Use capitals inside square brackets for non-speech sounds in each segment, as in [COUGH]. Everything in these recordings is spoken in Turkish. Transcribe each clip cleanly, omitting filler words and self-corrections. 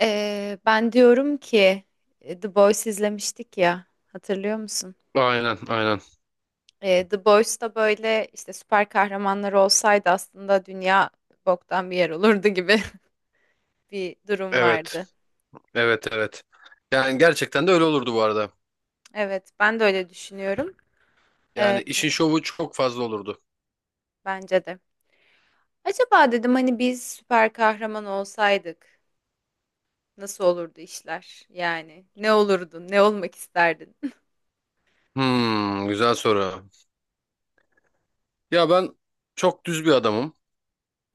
Ben diyorum ki The Boys izlemiştik ya hatırlıyor musun? Aynen, aynen. The Boys'ta böyle işte süper kahramanlar olsaydı aslında dünya boktan bir yer olurdu gibi [LAUGHS] bir durum Evet, vardı. evet, evet. Yani gerçekten de öyle olurdu bu arada. Evet ben de öyle düşünüyorum. Ee, Yani işin şovu çok fazla olurdu. bence de. Acaba dedim hani biz süper kahraman olsaydık nasıl olurdu işler? Yani ne olurdun? Ne olmak isterdin? Güzel soru. Ya ben çok düz bir adamım.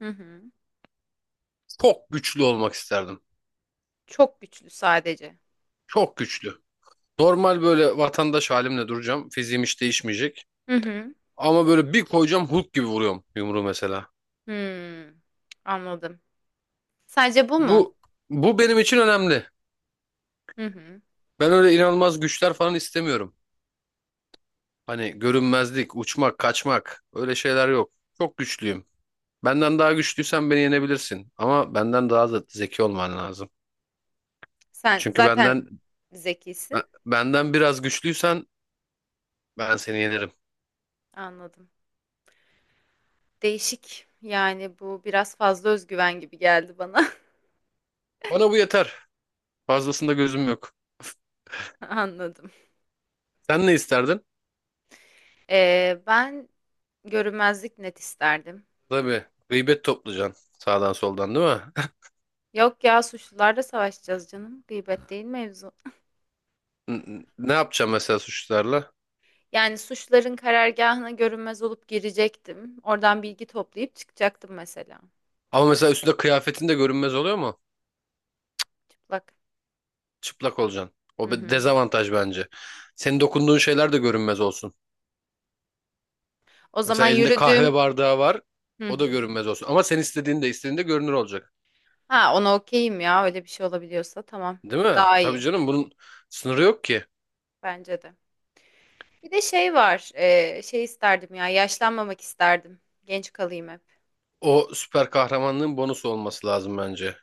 [LAUGHS] Hı hı. Çok güçlü olmak isterdim. Çok güçlü sadece. Çok güçlü. Normal böyle vatandaş halimle duracağım. Fiziğim hiç değişmeyecek. Hı hı. Ama böyle bir koyacağım, Hulk gibi vuruyorum yumruğu mesela. Hmm, anladım. Sadece bu mu? Bu bu benim için önemli. Hı hı. Ben öyle inanılmaz güçler falan istemiyorum. Hani görünmezlik, uçmak, kaçmak, öyle şeyler yok. Çok güçlüyüm. Benden daha güçlüysen beni yenebilirsin. Ama benden daha da zeki olman lazım. Sen Çünkü zaten benden zekisin. ben- benden biraz güçlüysen ben seni yenerim. Anladım. Değişik. Yani bu biraz fazla özgüven gibi geldi bana. Bana bu yeter. Fazlasında gözüm yok. [LAUGHS] Anladım. Sen ne isterdin? Ben görünmezlik net isterdim. Tabii. Gıybet toplayacaksın sağdan soldan, değil mi? [LAUGHS] Yok ya suçlularla savaşacağız canım. Gıybet değil mevzu. N- Ne yapacağım mesela suçlularla? Yani suçların karargahına görünmez olup girecektim. Oradan bilgi toplayıp çıkacaktım mesela. Ama mesela üstünde kıyafetin de görünmez oluyor mu? Çıplak. Çıplak olacaksın. O Hı bir hı. dezavantaj bence. Senin dokunduğun şeyler de görünmez olsun. O zaman Mesela elinde yürüdüğüm. kahve bardağı var. Hı O da hı. görünmez olsun. Ama sen istediğinde görünür olacak. Ha ona okeyim ya öyle bir şey olabiliyorsa tamam. Değil mi? Daha Tabii iyi. canım, bunun sınırı yok ki. Bence de. Bir de şey var. Şey isterdim ya. Yaşlanmamak isterdim. Genç kalayım hep. O süper kahramanlığın bonusu olması lazım bence.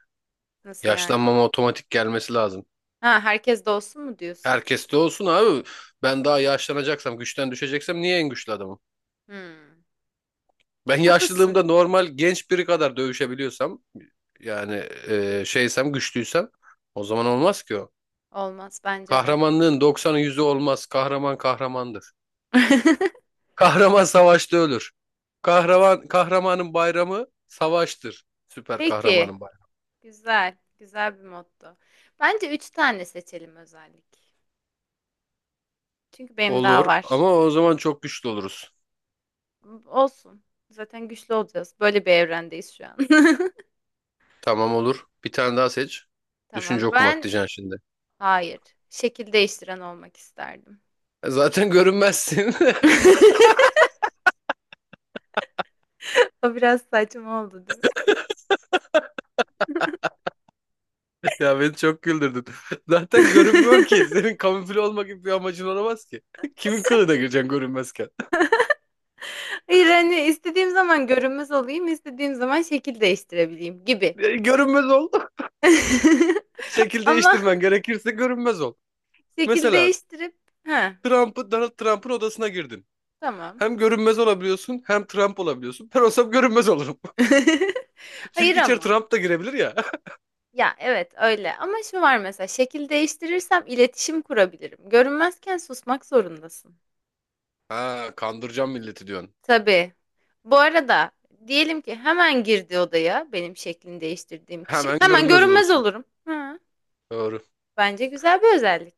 Nasıl yani? Yaşlanmama otomatik gelmesi lazım. Ha herkes de olsun mu diyorsun? Herkes de olsun abi. Ben daha yaşlanacaksam, güçten düşeceksem, niye en güçlü adamım? Hmm. Ben [LAUGHS] Haklısın. yaşlılığımda normal genç biri kadar dövüşebiliyorsam, yani şeysem, güçlüysem, o zaman olmaz ki o. Olmaz bence de. Kahramanlığın 90'ı 100'ü olmaz. Kahraman kahramandır. [LAUGHS] [LAUGHS] Kahraman savaşta ölür. Kahraman kahramanın bayramı savaştır. Süper Peki. kahramanın bayramı. Güzel. Güzel bir motto. Bence üç tane seçelim özellik. Çünkü benim daha Olur, var. ama o zaman çok güçlü oluruz. Olsun. Zaten güçlü olacağız. Böyle bir evrendeyiz şu an. [LAUGHS] Tamam, olur. Bir tane daha seç. Tamam. Düşünce okumak Ben diyeceksin şimdi. hayır. Şekil değiştiren olmak isterdim. Zaten görünmezsin. [LAUGHS] [LAUGHS] O biraz saçma oldu, değil mi? Ya beni çok güldürdün. [LAUGHS] Zaten görünmüyorsun ki. [LAUGHS] Senin kamufle olma gibi bir amacın olamaz ki. [LAUGHS] Kimin kılığına gireceksin görünmezken? [LAUGHS] Hayır hani istediğim zaman görünmez olayım, istediğim zaman şekil değiştirebileyim gibi. Görünmez ol. [LAUGHS] [LAUGHS] Şekil Ama değiştirmen gerekirse görünmez ol. şekil Mesela değiştirip ha Trump'ı, Donald Trump'ın odasına girdin. tamam. Hem görünmez olabiliyorsun, hem Trump olabiliyorsun. Ben olsam görünmez olurum. [LAUGHS] [LAUGHS] Hayır Çünkü içeri ama. Trump da girebilir ya. [LAUGHS] Ya evet öyle ama şu var mesela şekil değiştirirsem iletişim kurabilirim. Görünmezken susmak zorundasın. Ha, kandıracağım milleti diyorsun. Tabii. Bu arada diyelim ki hemen girdi odaya benim şeklini değiştirdiğim kişi. Hemen Hemen görünmez görünmez olursun. olurum. Ha, Doğru. bence güzel bir özellik.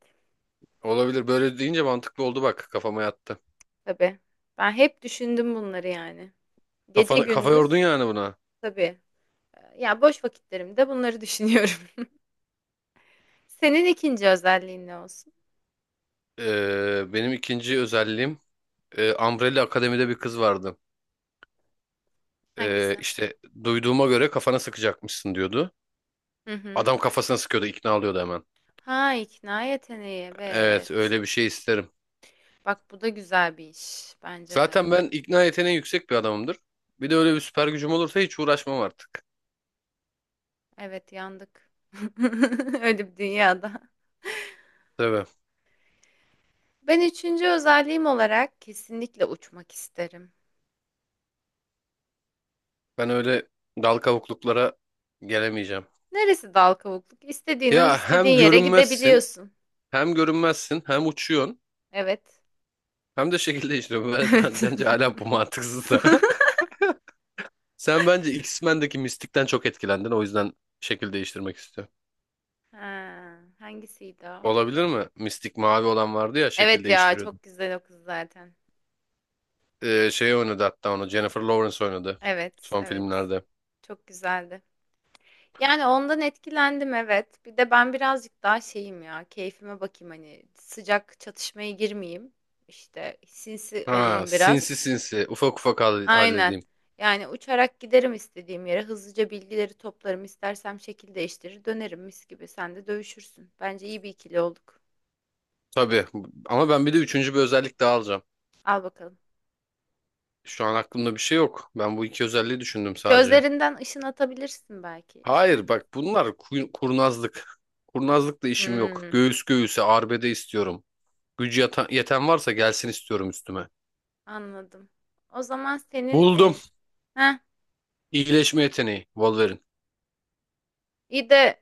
Olabilir. Böyle deyince mantıklı oldu bak. Kafama yattı. Tabii. Ben hep düşündüm bunları yani. Gece Kafana, kafa gündüz yordun yani buna. tabii. Ya boş vakitlerimde bunları düşünüyorum. [LAUGHS] Senin ikinci özelliğin ne olsun? Benim ikinci özelliğim, Umbrella Akademi'de bir kız vardı. Hangisi? İşte duyduğuma göre kafana sıkacakmışsın diyordu. Hı hı. Adam kafasına sıkıyordu, ikna alıyordu hemen. Ha ikna yeteneği Evet, evet. öyle bir şey isterim. Bak bu da güzel bir iş bence de. Zaten ben ikna yeteneği yüksek bir adamımdır. Bir de öyle bir süper gücüm olursa hiç uğraşmam artık. Evet yandık. [LAUGHS] Öyle bir dünyada. Tabii. Ben üçüncü özelliğim olarak kesinlikle uçmak isterim. Ben öyle dal kavukluklara gelemeyeceğim. Neresi dal kavukluk? İstediğin an Ya hem istediğin yere görünmezsin, gidebiliyorsun. hem görünmezsin, hem uçuyorsun. Evet. Hem de şekilde işliyor. Ben, [LAUGHS] Evet. bence hala bu [LAUGHS] mantıksız da. [LAUGHS] Sen bence X-Men'deki Mystic'ten çok etkilendin. O yüzden şekil değiştirmek istiyor. Ha, hangisiydi o? Olabilir mi? Mystic, mavi olan vardı ya, şekil Evet ya değiştiriyordu. çok güzel o kız zaten. Şey oynadı hatta onu. Jennifer Lawrence oynadı. Evet, Son evet. filmlerde. Çok güzeldi. Yani ondan etkilendim evet. Bir de ben birazcık daha şeyim ya. Keyfime bakayım hani sıcak çatışmaya girmeyeyim. İşte sinsi Ha, olayım sinsi biraz. sinsi. Ufak ufak Aynen. halledeyim. Yani uçarak giderim istediğim yere. Hızlıca bilgileri toplarım. İstersem şekil değiştirir dönerim mis gibi. Sen de dövüşürsün. Bence iyi bir ikili olduk. Tabii. Ama ben bir de üçüncü bir özellik daha alacağım. Al bakalım. Şu an aklımda bir şey yok. Ben bu iki özelliği düşündüm sadece. Gözlerinden ışın atabilirsin belki. İster Hayır misin? bak, bunlar kurnazlık. Kurnazlıkla işim yok. Hmm. Göğüs göğüse arbede istiyorum. Gücü yeten varsa gelsin istiyorum üstüme. Anladım. O zaman senin Buldum. Heh, İyileşme yeteneği. Wolverine. iyi de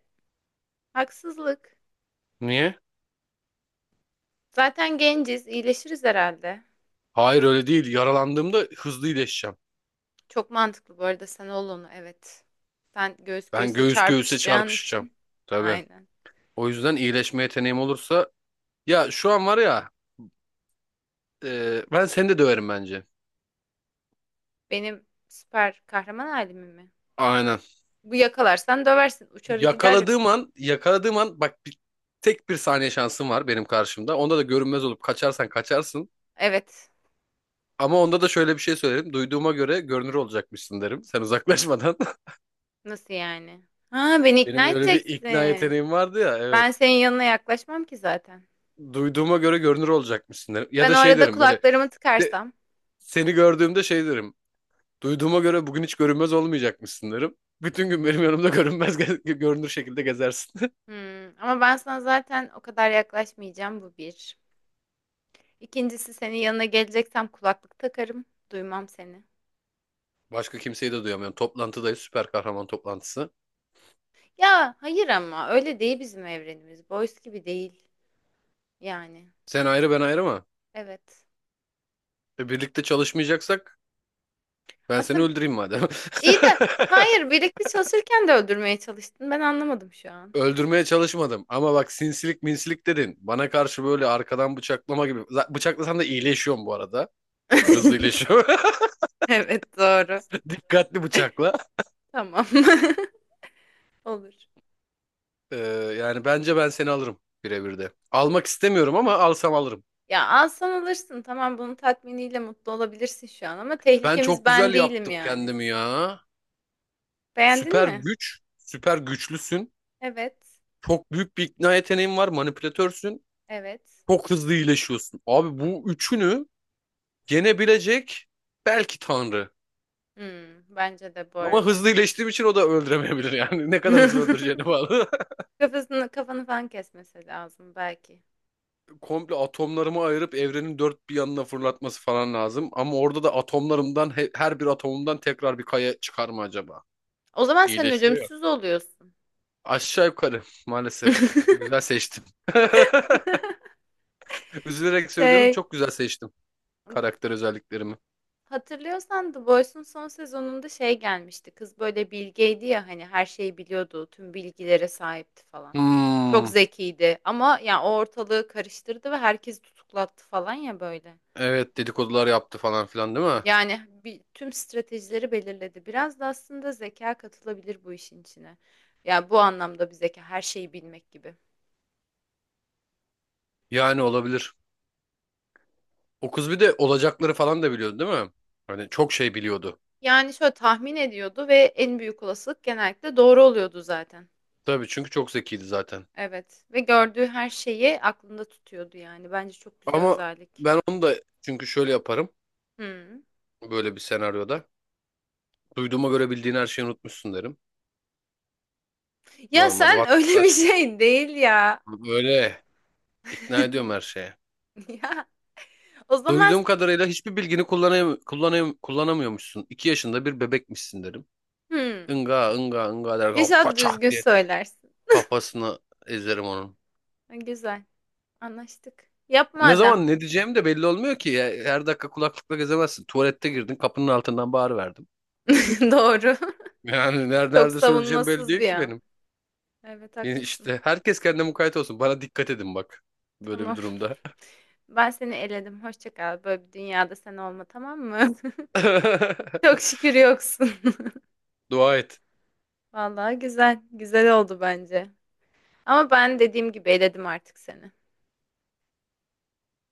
haksızlık. Niye? Zaten genciz, iyileşiriz herhalde. Hayır, öyle değil. Yaralandığımda hızlı iyileşeceğim. Çok mantıklı bu arada sen ol onu evet. Sen göğüs Ben göğüse göğüs göğüse çarpışacağın çarpışacağım. için. Tabii. Aynen. O yüzden iyileşme yeteneğim olursa... Ya şu an var ya... ben seni de döverim bence. Benim süper kahraman halimi mi? Aynen. Bu yakalarsan döversin, uçarı giderim. Yakaladığım an... Yakaladığım an... Bak bir, tek bir saniye şansım var benim karşımda. Onda da görünmez olup kaçarsan kaçarsın. Evet. Ama onda da şöyle bir şey söylerim. Duyduğuma göre görünür olacakmışsın derim. Sen uzaklaşmadan. Nasıl yani? Ha beni Benim ikna öyle bir ikna edeceksin. yeteneğim vardı ya, evet. Ben senin yanına yaklaşmam ki zaten. Duyduğuma göre görünür olacakmışsın derim. Ya Ben da o şey arada derim, böyle kulaklarımı de, tıkarsam. seni gördüğümde şey derim. Duyduğuma göre bugün hiç görünmez olmayacakmışsın derim. Bütün gün benim yanımda [LAUGHS] görünmez görünür şekilde gezersin. Hmm, ama ben sana zaten o kadar yaklaşmayacağım bu bir. İkincisi senin yanına geleceksem kulaklık takarım. Duymam seni. [LAUGHS] Başka kimseyi de duyamıyorum. Toplantıdayız, süper kahraman toplantısı. Ya hayır ama öyle değil bizim evrenimiz. Boys gibi değil yani. Sen ayrı, ben ayrı mı? Evet. Birlikte çalışmayacaksak ben seni Aslında öldüreyim madem. [LAUGHS] iyi de hayır birlikte çalışırken de öldürmeye çalıştın. Ben anlamadım şu an. Öldürmeye çalışmadım ama bak, sinsilik minsilik dedin. Bana karşı böyle arkadan bıçaklama gibi. Bıçaklasan da iyileşiyorum bu arada. Hızlı [LAUGHS] iyileşiyor. [LAUGHS] Evet doğru. Dikkatli bıçakla. Tamam. [LAUGHS] Olur. Ee, yani bence ben seni alırım birebir de. Almak istemiyorum ama alsam alırım. Ya alsan alırsın. Tamam bunun tatminiyle mutlu olabilirsin şu an ama Ben tehlikemiz çok ben güzel değilim yaptım yani. kendimi ya. Beğendin Süper mi? güç, süper güçlüsün. Evet. Çok büyük bir ikna yeteneğin var, manipülatörsün. Evet. Çok hızlı iyileşiyorsun. Abi, bu üçünü yenebilecek belki Tanrı. Hmm, bence de bu Ama arada. hızlı iyileştiğim için o da öldüremeyebilir yani. [LAUGHS] Ne kadar hızlı öldüreceğine [LAUGHS] bağlı. [LAUGHS] Kafasını, kafanı falan kesmesi lazım belki. Komple atomlarımı ayırıp evrenin dört bir yanına fırlatması falan lazım. Ama orada da atomlarımdan her bir atomumdan tekrar bir kaya çıkar mı acaba? O zaman sen İyileşiyor ya. ölümsüz oluyorsun. Aşağı yukarı maalesef. [LAUGHS] Güzel seçtim. [LAUGHS] Üzülerek söylüyorum, Şey, çok güzel seçtim karakter özelliklerimi. hatırlıyorsan The Boys'un son sezonunda şey gelmişti. Kız böyle bilgeydi ya hani her şeyi biliyordu, tüm bilgilere sahipti falan. Çok Hmm, zekiydi ama ya o ortalığı karıştırdı ve herkesi tutuklattı falan ya böyle. evet, dedikodular yaptı falan filan, değil mi? Yani bir, tüm stratejileri belirledi. Biraz da aslında zeka katılabilir bu işin içine. Yani bu anlamda bir zeka her şeyi bilmek gibi. Yani olabilir. O kız bir de olacakları falan da biliyordu, değil mi? Hani çok şey biliyordu. Yani şöyle tahmin ediyordu ve en büyük olasılık genellikle doğru oluyordu zaten. Tabii, çünkü çok zekiydi zaten. Evet ve gördüğü her şeyi aklında tutuyordu yani. Bence çok güzel Ama özellik. ben onu da, çünkü şöyle yaparım Hmm. böyle bir senaryoda. Duyduğuma göre bildiğin her şeyi unutmuşsun derim. Ya Normal sen [LAUGHS] öyle bir vatandaş gibi. şey değil ya. Böyle ikna ediyorum [LAUGHS] her şeye. Ya o zaman Duyduğum kadarıyla hiçbir bilgini kullanamıyormuşsun. İki yaşında bir bebekmişsin derim. hmm. Inga ınga ınga der. İnşallah Façah düzgün diye söylersin. kafasını ezerim onun. Ha, güzel. Anlaştık. Yapma Ne adam. zaman ne diyeceğim de belli olmuyor ki. Ya. Her dakika kulaklıkla gezemezsin. Tuvalette girdin, kapının altından bağırıverdim. [LAUGHS] Doğru. Yani nerede, Çok nerede söyleyeceğim belli savunmasız değil bir ki an. benim. Evet Yani haklısın. İşte herkes kendine mukayyet olsun. Bana dikkat edin bak. Böyle bir Tamam. [LAUGHS] durumda. Ben seni eledim. Hoşça kal. Böyle bir dünyada sen olma tamam mı? [LAUGHS] Çok [LAUGHS] şükür yoksun. Dua et. [LAUGHS] Vallahi güzel. Güzel oldu bence. Ama ben dediğim gibi eledim artık seni.